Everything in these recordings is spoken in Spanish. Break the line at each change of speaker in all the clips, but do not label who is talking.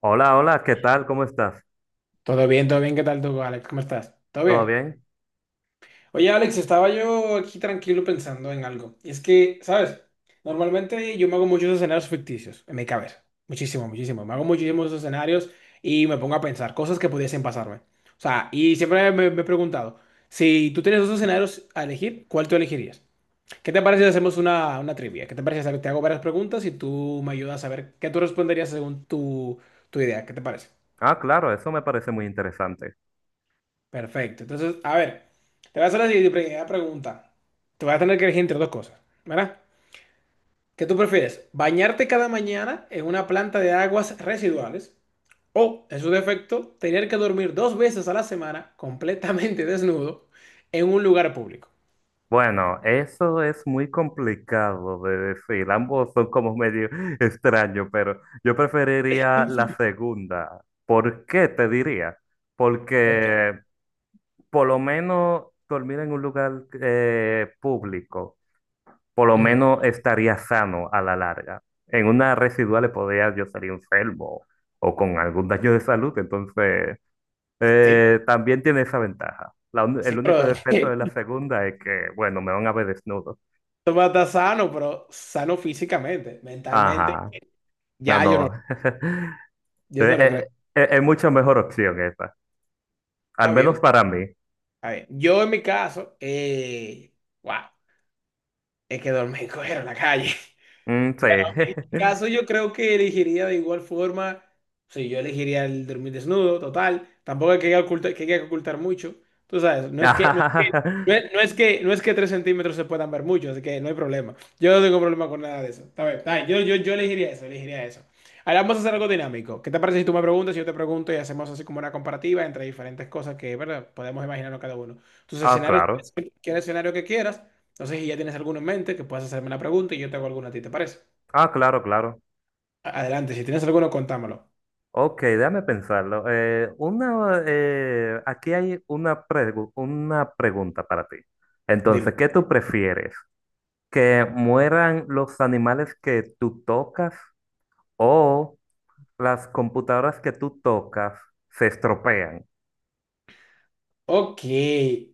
Hola, hola, ¿qué tal? ¿Cómo estás?
Todo bien, ¿qué tal tú, Alex? ¿Cómo estás? ¿Todo
¿Todo
bien?
bien?
Oye, Alex, estaba yo aquí tranquilo pensando en algo. Y es que, ¿sabes? Normalmente yo me hago muchos escenarios ficticios en mi cabeza. Muchísimo, muchísimo. Me hago muchísimos escenarios y me pongo a pensar cosas que pudiesen pasarme. O sea, y siempre me he preguntado, si tú tienes dos escenarios a elegir, ¿cuál tú elegirías? ¿Qué te parece si hacemos una trivia? ¿Qué te parece si te hago varias preguntas y tú me ayudas a ver qué tú responderías según tu idea? ¿Qué te parece?
Ah, claro, eso me parece muy interesante.
Perfecto. Entonces, a ver, te voy a hacer la siguiente primera pregunta. Te voy a tener que elegir entre dos cosas, ¿verdad? ¿Qué tú prefieres? ¿Bañarte cada mañana en una planta de aguas residuales o, en su defecto, tener que dormir dos veces a la semana completamente desnudo en un lugar público?
Bueno, eso es muy complicado de decir. Ambos son como medio extraños, pero yo preferiría la segunda. ¿Por qué te diría?
¿Qué?
Porque por lo menos dormir en un lugar público, por lo
Ujú.
menos estaría sano a la larga. En una residual le podría yo salir enfermo o con algún daño de salud, entonces...
Sí, pero-
También tiene esa ventaja.
sí,
El único
pero
defecto de la segunda es que, bueno, me van a ver desnudo.
tú vas a estar sano, pero sano físicamente, mentalmente.
Ajá, no,
Ya,
no.
yo no lo creo.
Eh, es mucho mejor opción esa, al
Está
menos
bien,
para mí.
está bien. Yo en mi caso, wow. Es que dormí y cogieron la calle.
Mm, sí.
Bueno, en mi caso yo creo que elegiría de igual forma, sí, yo elegiría el dormir desnudo, total, tampoco hay que ocultar, que hay que ocultar mucho, tú sabes, no es que 3 centímetros se puedan ver mucho, así que no hay problema, yo no tengo problema con nada de eso, está bien, yo elegiría eso, elegiría eso. Ahora vamos a hacer algo dinámico. ¿Qué te parece si tú me preguntas y yo te pregunto y hacemos así como una comparativa entre diferentes cosas que, ¿verdad? Podemos imaginarnos cada uno. Tus
Ah,
escenarios,
claro.
cualquier escenario que quieras. No sé si ya tienes alguno en mente que puedas hacerme la pregunta y yo te hago alguna a ti, ¿te parece?
Ah, claro, claro.
Adelante, si tienes alguno, contámelo.
Ok, déjame pensarlo. Aquí hay una pregunta para ti.
Dime.
Entonces, ¿qué tú prefieres? ¿Que mueran los animales que tú tocas? ¿O las computadoras que tú tocas se estropean?
Ok,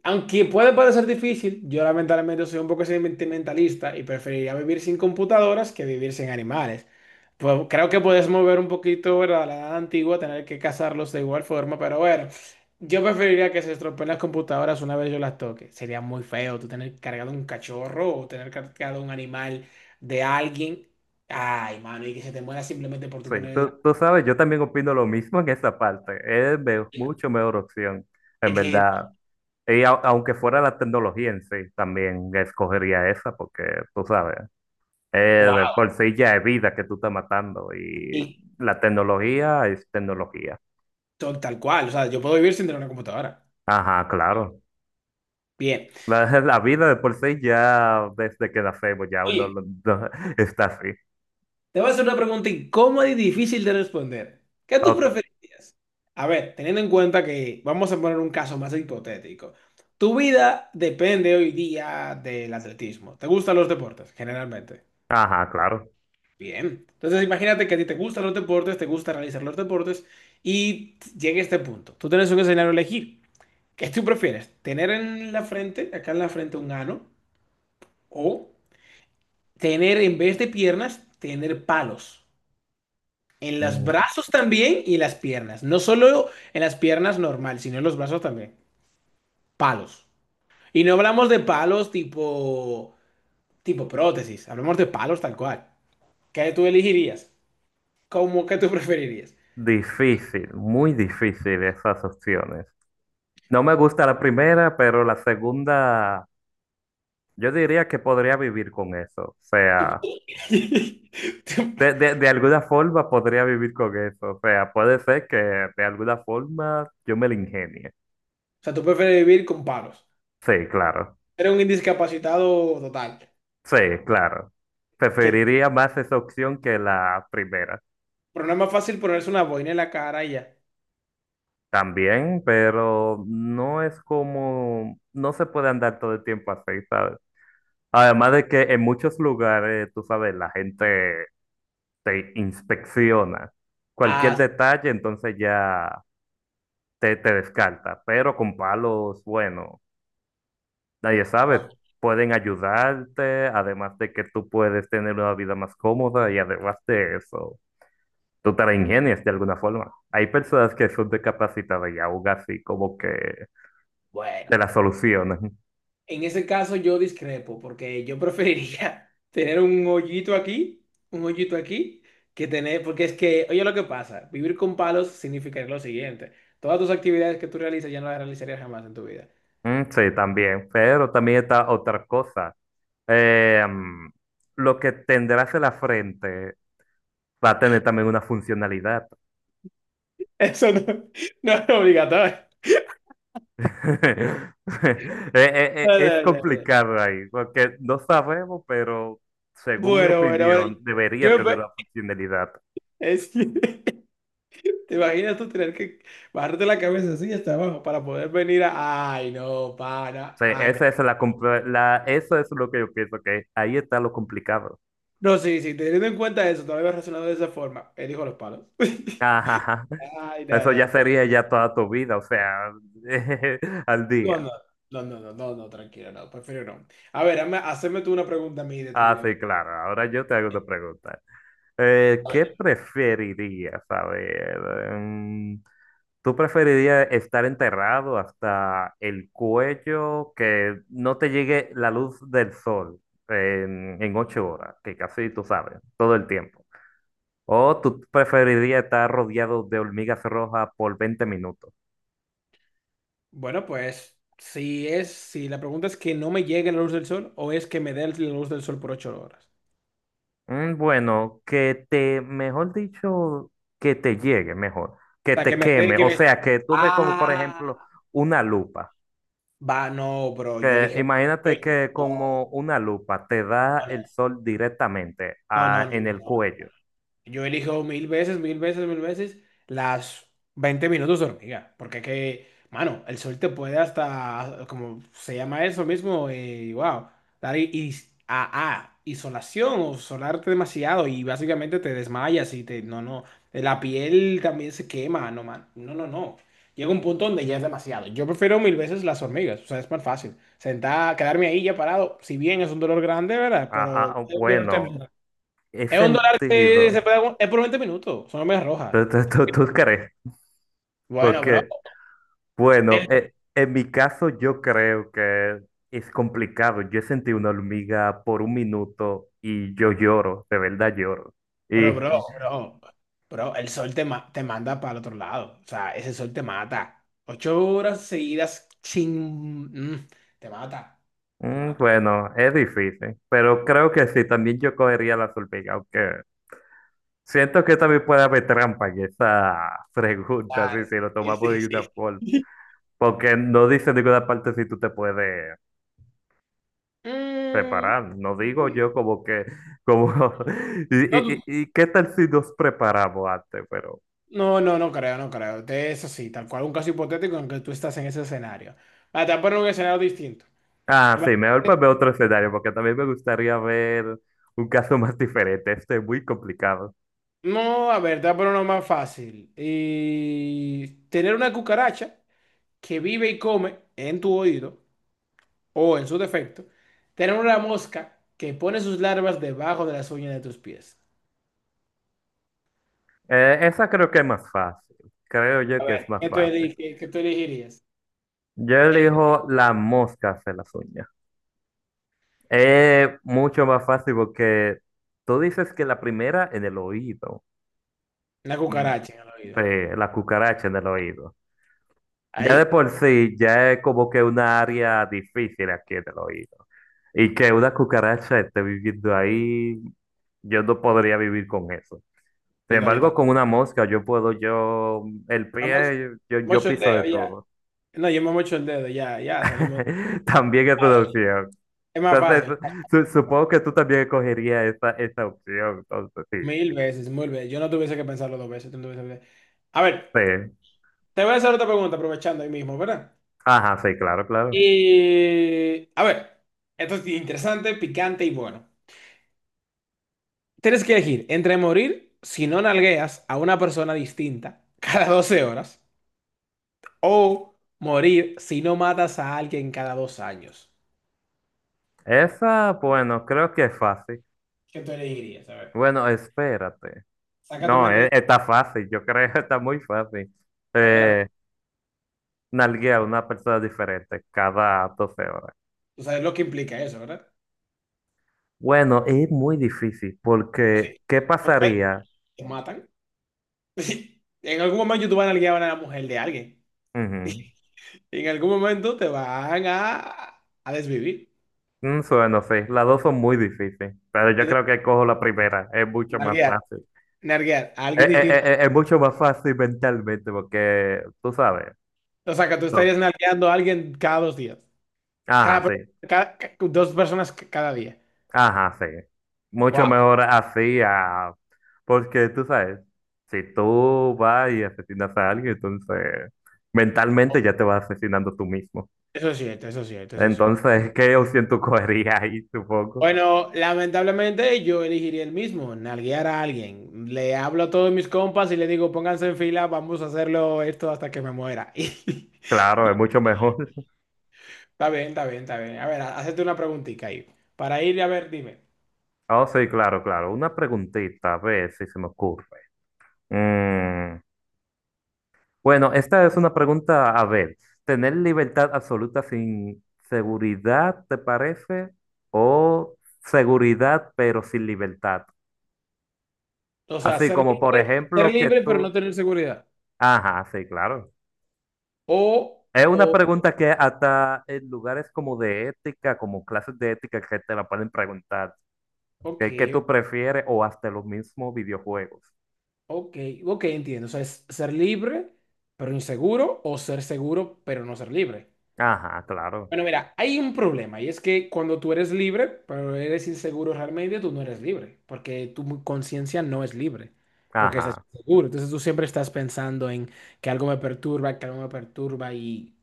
aunque puede parecer difícil, yo lamentablemente soy un poco sentimentalista y preferiría vivir sin computadoras que vivir sin animales. Pues creo que puedes mover un poquito, ¿verdad? La edad antigua, tener que cazarlos de igual forma, pero bueno, yo preferiría que se estropeen las computadoras una vez yo las toque. Sería muy feo tú tener cargado un cachorro o tener cargado un animal de alguien. Ay, mano, y que se te muera simplemente por tú
Sí,
ponerle la...
tú sabes, yo también opino lo mismo en esa parte. Mucho mejor opción, en
Es que,
verdad. Aunque fuera la tecnología en sí, también escogería esa porque, tú sabes, de
wow.
por sí ya es vida que tú estás matando y la tecnología es tecnología.
Tal cual, o sea, yo puedo vivir sin tener una computadora.
Ajá, claro.
Bien.
La vida de por sí ya desde que nacemos
Oye,
está así.
te voy a hacer una pregunta incómoda y difícil de responder. ¿Qué tú
O-
preferirías? A ver, teniendo en cuenta que vamos a poner un caso más hipotético. Tu vida depende hoy día del atletismo. ¿Te gustan los deportes, generalmente?
ajá, claro.
Bien. Entonces, imagínate que a ti te gustan los deportes, te gusta realizar los deportes y llega este punto. Tú tienes un escenario a elegir. ¿Qué tú prefieres? ¿Tener en la frente, acá en la frente, un ano, o tener en vez de piernas, tener palos? En los
Mm.
brazos también y en las piernas. No solo en las piernas normal, sino en los brazos también. Palos. Y no hablamos de palos tipo prótesis. Hablamos de palos tal cual. ¿Qué tú elegirías? ¿Cómo que tú preferirías?
Difícil, muy difícil esas opciones. No me gusta la primera, pero la segunda, yo diría que podría vivir con eso. O sea, de alguna forma podría vivir con eso. O sea, puede ser que de alguna forma yo me la ingenie.
O sea, tú prefieres vivir con palos.
Sí, claro.
Eres un indiscapacitado total.
Sí, claro.
Que,
Preferiría más esa opción que la primera.
pero no es más fácil ponerse una boina en la cara y ya.
También, pero no es como, no se puede andar todo el tiempo así, ¿sabes? Además de que en muchos lugares, tú sabes, la gente te inspecciona. Cualquier
Ah,
detalle, entonces ya te descarta. Pero con palos, bueno, nadie sabe. Pueden ayudarte, además de que tú puedes tener una vida más cómoda y además de eso, tú te la ingenias de alguna forma. Hay personas que son discapacitadas y aún así como que
bueno.
te la solucionan.
En ese caso yo discrepo, porque yo preferiría tener un hoyito aquí, que tener, porque es que, oye, lo que pasa, vivir con palos significaría lo siguiente: todas tus actividades que tú realizas ya no las realizarías jamás en tu vida.
Mm, sí, también. Pero también está otra cosa. Eh, mm, lo que tendrás en la frente va a tener también una funcionalidad.
Eso no, no es obligatorio. No,
Es
no, no, no.
complicado ahí, porque no sabemos, pero según mi
Bueno, bueno, bueno,
opinión, debería
yo
tener
ve-
una funcionalidad. O
es que, ¿te imaginas tú tener que bajarte la cabeza así hasta abajo para poder venir a, ay, no, para,
sea,
ay,
esa es eso es lo que yo pienso, que ahí está lo complicado.
no, sí, sí, teniendo en cuenta eso, no lo había razonado de esa forma? Elijo los palos.
Ajá, ajá.
Ay, no,
Eso ya
no,
sería ya toda tu vida, o sea, al
no,
día.
no, no, no, no, no, no, tranquilo, no, prefiero no. A ver, haceme tú una pregunta a mí de
Ah,
trivia. A
sí,
ver.
claro. Ahora yo te hago una pregunta. ¿Qué preferirías? A ver, em, ¿tú preferirías estar enterrado hasta el cuello, que no te llegue la luz del sol en 8 horas, que casi tú sabes, todo el tiempo? ¿O tú preferirías estar rodeado de hormigas rojas por 20 minutos?
Bueno, pues, si la pregunta es que no me llegue la luz del sol o es que me dé la luz del sol por 8 horas.
Mm, bueno, que te, mejor dicho, que te llegue mejor,
O
que
sea, que
te
me esté,
queme,
que
o
me...
sea, que tú ves como, por
Ah,
ejemplo, una lupa.
va, no, bro, yo
Que
elijo... yo-
imagínate que como una lupa te da el sol directamente
No, no, no, no,
en
no, no,
el
no,
cuello.
yo elijo mil veces, mil veces, mil veces las 20 minutos de hormiga, porque que, mano, el sol te puede hasta, como se llama eso mismo, wow, dar isolación o solarte demasiado y básicamente te desmayas y te, no, no, la piel también se quema, no, man, no, no, no. Llega un punto donde ya es demasiado. Yo prefiero mil veces las hormigas, o sea, es más fácil. Sentar, quedarme ahí ya parado, si bien es un dolor grande, ¿verdad?
Ah,
Pero
ah, ah,
es un dolor
bueno,
temporal.
es
Es un dólar que se
sentido.
puede, es por 20 minutos. Son medias rojas.
Tú crees?
Bueno, bro.
Porque, bueno,
El,
en mi caso yo creo que es complicado. Yo sentí una hormiga por 1 minuto y yo lloro, de verdad lloro. Y
bro, bro, bro. Bro, el sol te, ma- te manda para el otro lado. O sea, ese sol te mata. 8 horas seguidas sin... mm, te mata. Te
Mm,
mata.
bueno, es difícil, pero creo que sí, también yo cogería la solvega, aunque siento que también puede haber trampa en esa pregunta, sí,
Claro.
si lo
Sí,
tomamos
sí,
de una
sí.
forma, porque no dice en ninguna parte si tú te puedes
Mm,
preparar, no digo yo como que, como, y,
no,
y, y y qué tal si nos preparamos antes, pero,
no, no, no creo, no creo. Eso sí, tal cual, un caso hipotético en que tú estás en ese escenario. Ah, te voy a poner un escenario distinto.
ah, sí, mejor
Imagínate.
para ver otro escenario, porque también me gustaría ver un caso más diferente, este es muy complicado.
No, a ver, dámelo uno más fácil. Y tener una cucaracha que vive y come en tu oído o, en su defecto, tener una mosca que pone sus larvas debajo de las uñas de tus pies.
Esa creo que es más fácil. Creo yo
A
que
ver,
es más fácil.
¿qué tú elegirías?
Yo
Eh,
elijo la mosca hacer las uñas. Es mucho más fácil porque tú dices que la primera en el oído.
Una
Mm.
cucaracha en el oído.
La cucaracha en el oído. Ya de
Ahí.
por sí, ya es como que una área difícil aquí en el oído. Y que una cucaracha esté viviendo ahí, yo no podría vivir con eso. Sin
Yo no, yo
embargo,
tampoco.
con una mosca yo puedo, yo, el
Me mocho
pie,
me
yo
mocho el
piso de
dedo ya.
todo.
No, yo me mocho el dedo ya, ya salimos.
También es una opción.
Es más fácil.
Entonces, supongo que tú también escogerías esa opción. Entonces, sí,
Mil veces, mil veces. Yo no tuviese que pensarlo dos veces. Tú no tuviese que- A ver.
sí.
Te voy a hacer otra pregunta aprovechando ahí mismo, ¿verdad?
Ajá, sí, claro, claro.
Y a ver, esto es interesante, picante y bueno. Tienes que elegir entre morir si no nalgueas a una persona distinta cada 12 horas o morir si no matas a alguien cada 2 años.
Esa, bueno, creo que es fácil.
¿Qué tú elegirías? A ver,
Bueno, espérate.
saca tu
No,
mente.
está fácil, yo creo que está muy fácil.
A ver, a ver.
Eh, Nalguea a una persona diferente cada 12 horas.
Tú sabes lo que implica eso, ¿verdad?
Bueno, es muy difícil porque,
Sí.
¿qué
Pues, a ver,
pasaría?
te matan. En algún momento tú vas a nalguear a una mujer de alguien.
Ujú.
En algún momento te van a desvivir.
Mm, bueno, sí, las dos son muy difíciles, pero yo creo que cojo la primera, es mucho más
Nalguear,
fácil.
nalguear, a alguien distinto.
Es mucho más fácil mentalmente porque tú sabes.
O sea, que tú
tú-
estarías nalgueando a alguien cada 2 días.
Ajá,
Cada,
sí.
per- cada- ca- Dos personas cada día.
Ajá, sí. Mucho
Wow,
mejor así a... Porque tú sabes, si tú vas y asesinas a alguien, entonces mentalmente ya te vas asesinando tú mismo.
eso es cierto, eso es cierto, eso es cierto.
Entonces, ¿qué opción tú cogerías ahí, supongo?
Bueno, lamentablemente yo elegiría el mismo, nalguear a alguien. Le hablo a todos mis compas y le digo, pónganse en fila, vamos a hacerlo esto hasta que me muera. Está
Claro, es mucho mejor.
bien, está bien, está bien. A ver, hazte una preguntita ahí. Para ir, a ver, dime.
Oh, sí, claro, claro. Una preguntita, a ver si se me ocurre. Mm. Bueno, esta es una pregunta, a ver, ¿tener libertad absoluta sin seguridad, te parece? ¿O seguridad pero sin libertad?
O sea,
Así como, por
ser
ejemplo, que
libre pero
tú...
no tener seguridad.
Ajá, sí, claro.
O,
Es una
o,
pregunta que hasta en lugares como de ética, como clases de ética, que te la pueden preguntar. ¿Qué
ok.
tú prefieres? O hasta los mismos videojuegos.
Ok, ok, entiendo. O sea, es ser libre pero inseguro, o ser seguro pero no ser libre.
Ajá, claro.
Bueno, mira, hay un problema, y es que cuando tú eres libre pero eres inseguro realmente, tú no eres libre, porque tu conciencia no es libre, porque estás
Ajá,
inseguro. Entonces tú siempre estás pensando en que algo me perturba, que algo me perturba, y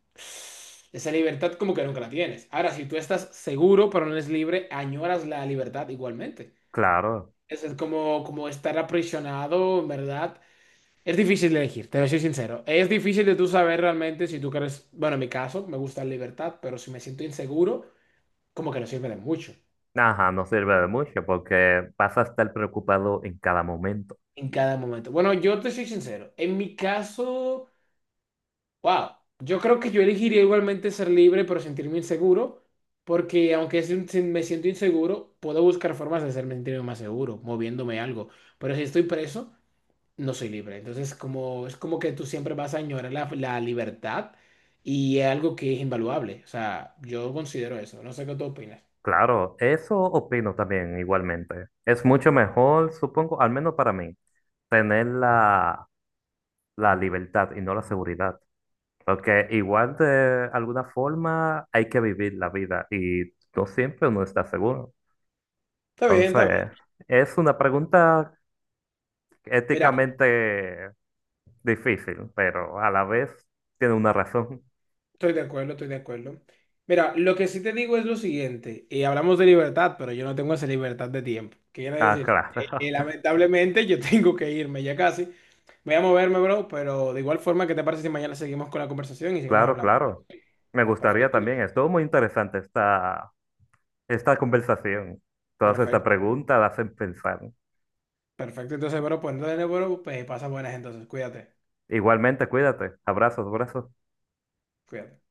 esa libertad como que nunca la tienes. Ahora, si tú estás seguro pero no eres libre, añoras la libertad igualmente.
claro.
Eso es como, como estar aprisionado, en verdad. Es difícil de elegir, te lo soy sincero. Es difícil de tú saber realmente si tú quieres, bueno, en mi caso, me gusta la libertad, pero si me siento inseguro, como que no sirve de mucho
Ajá, no sirve de mucho porque vas a estar preocupado en cada momento.
en cada momento. Bueno, yo te soy sincero. En mi caso, wow, yo creo que yo elegiría igualmente ser libre, pero sentirme inseguro, porque si me siento inseguro, puedo buscar formas de hacerme sentirme más seguro, moviéndome algo. Pero si estoy preso... no soy libre. Entonces, como, es como que tú siempre vas a añorar la libertad, y es algo que es invaluable. O sea, yo considero eso. No sé qué tú opinas.
Claro, eso opino también igualmente. Es mucho mejor, supongo, al menos para mí, tener la libertad y no la seguridad. Porque igual de alguna forma hay que vivir la vida y no siempre uno está seguro.
Está bien, está bien.
Entonces, es una pregunta
Mira,
éticamente difícil, pero a la vez tiene una razón.
estoy de acuerdo, estoy de acuerdo. Mira, lo que sí te digo es lo siguiente, y hablamos de libertad, pero yo no tengo esa libertad de tiempo. ¿Qué quiere
Ah,
decir?
claro,
Lamentablemente yo tengo que irme ya casi. Voy a moverme, bro, pero de igual forma, ¿qué te parece si mañana seguimos con la conversación y seguimos
claro,
hablando?
claro. Me gustaría
Perfecto,
también, estuvo muy interesante esta. Esta conversación, todas estas
perfecto,
preguntas las hacen pensar.
perfecto. Entonces, bro, pues pasa buenas entonces, cuídate.
Igualmente, cuídate. Abrazos, abrazos.
Cuídate.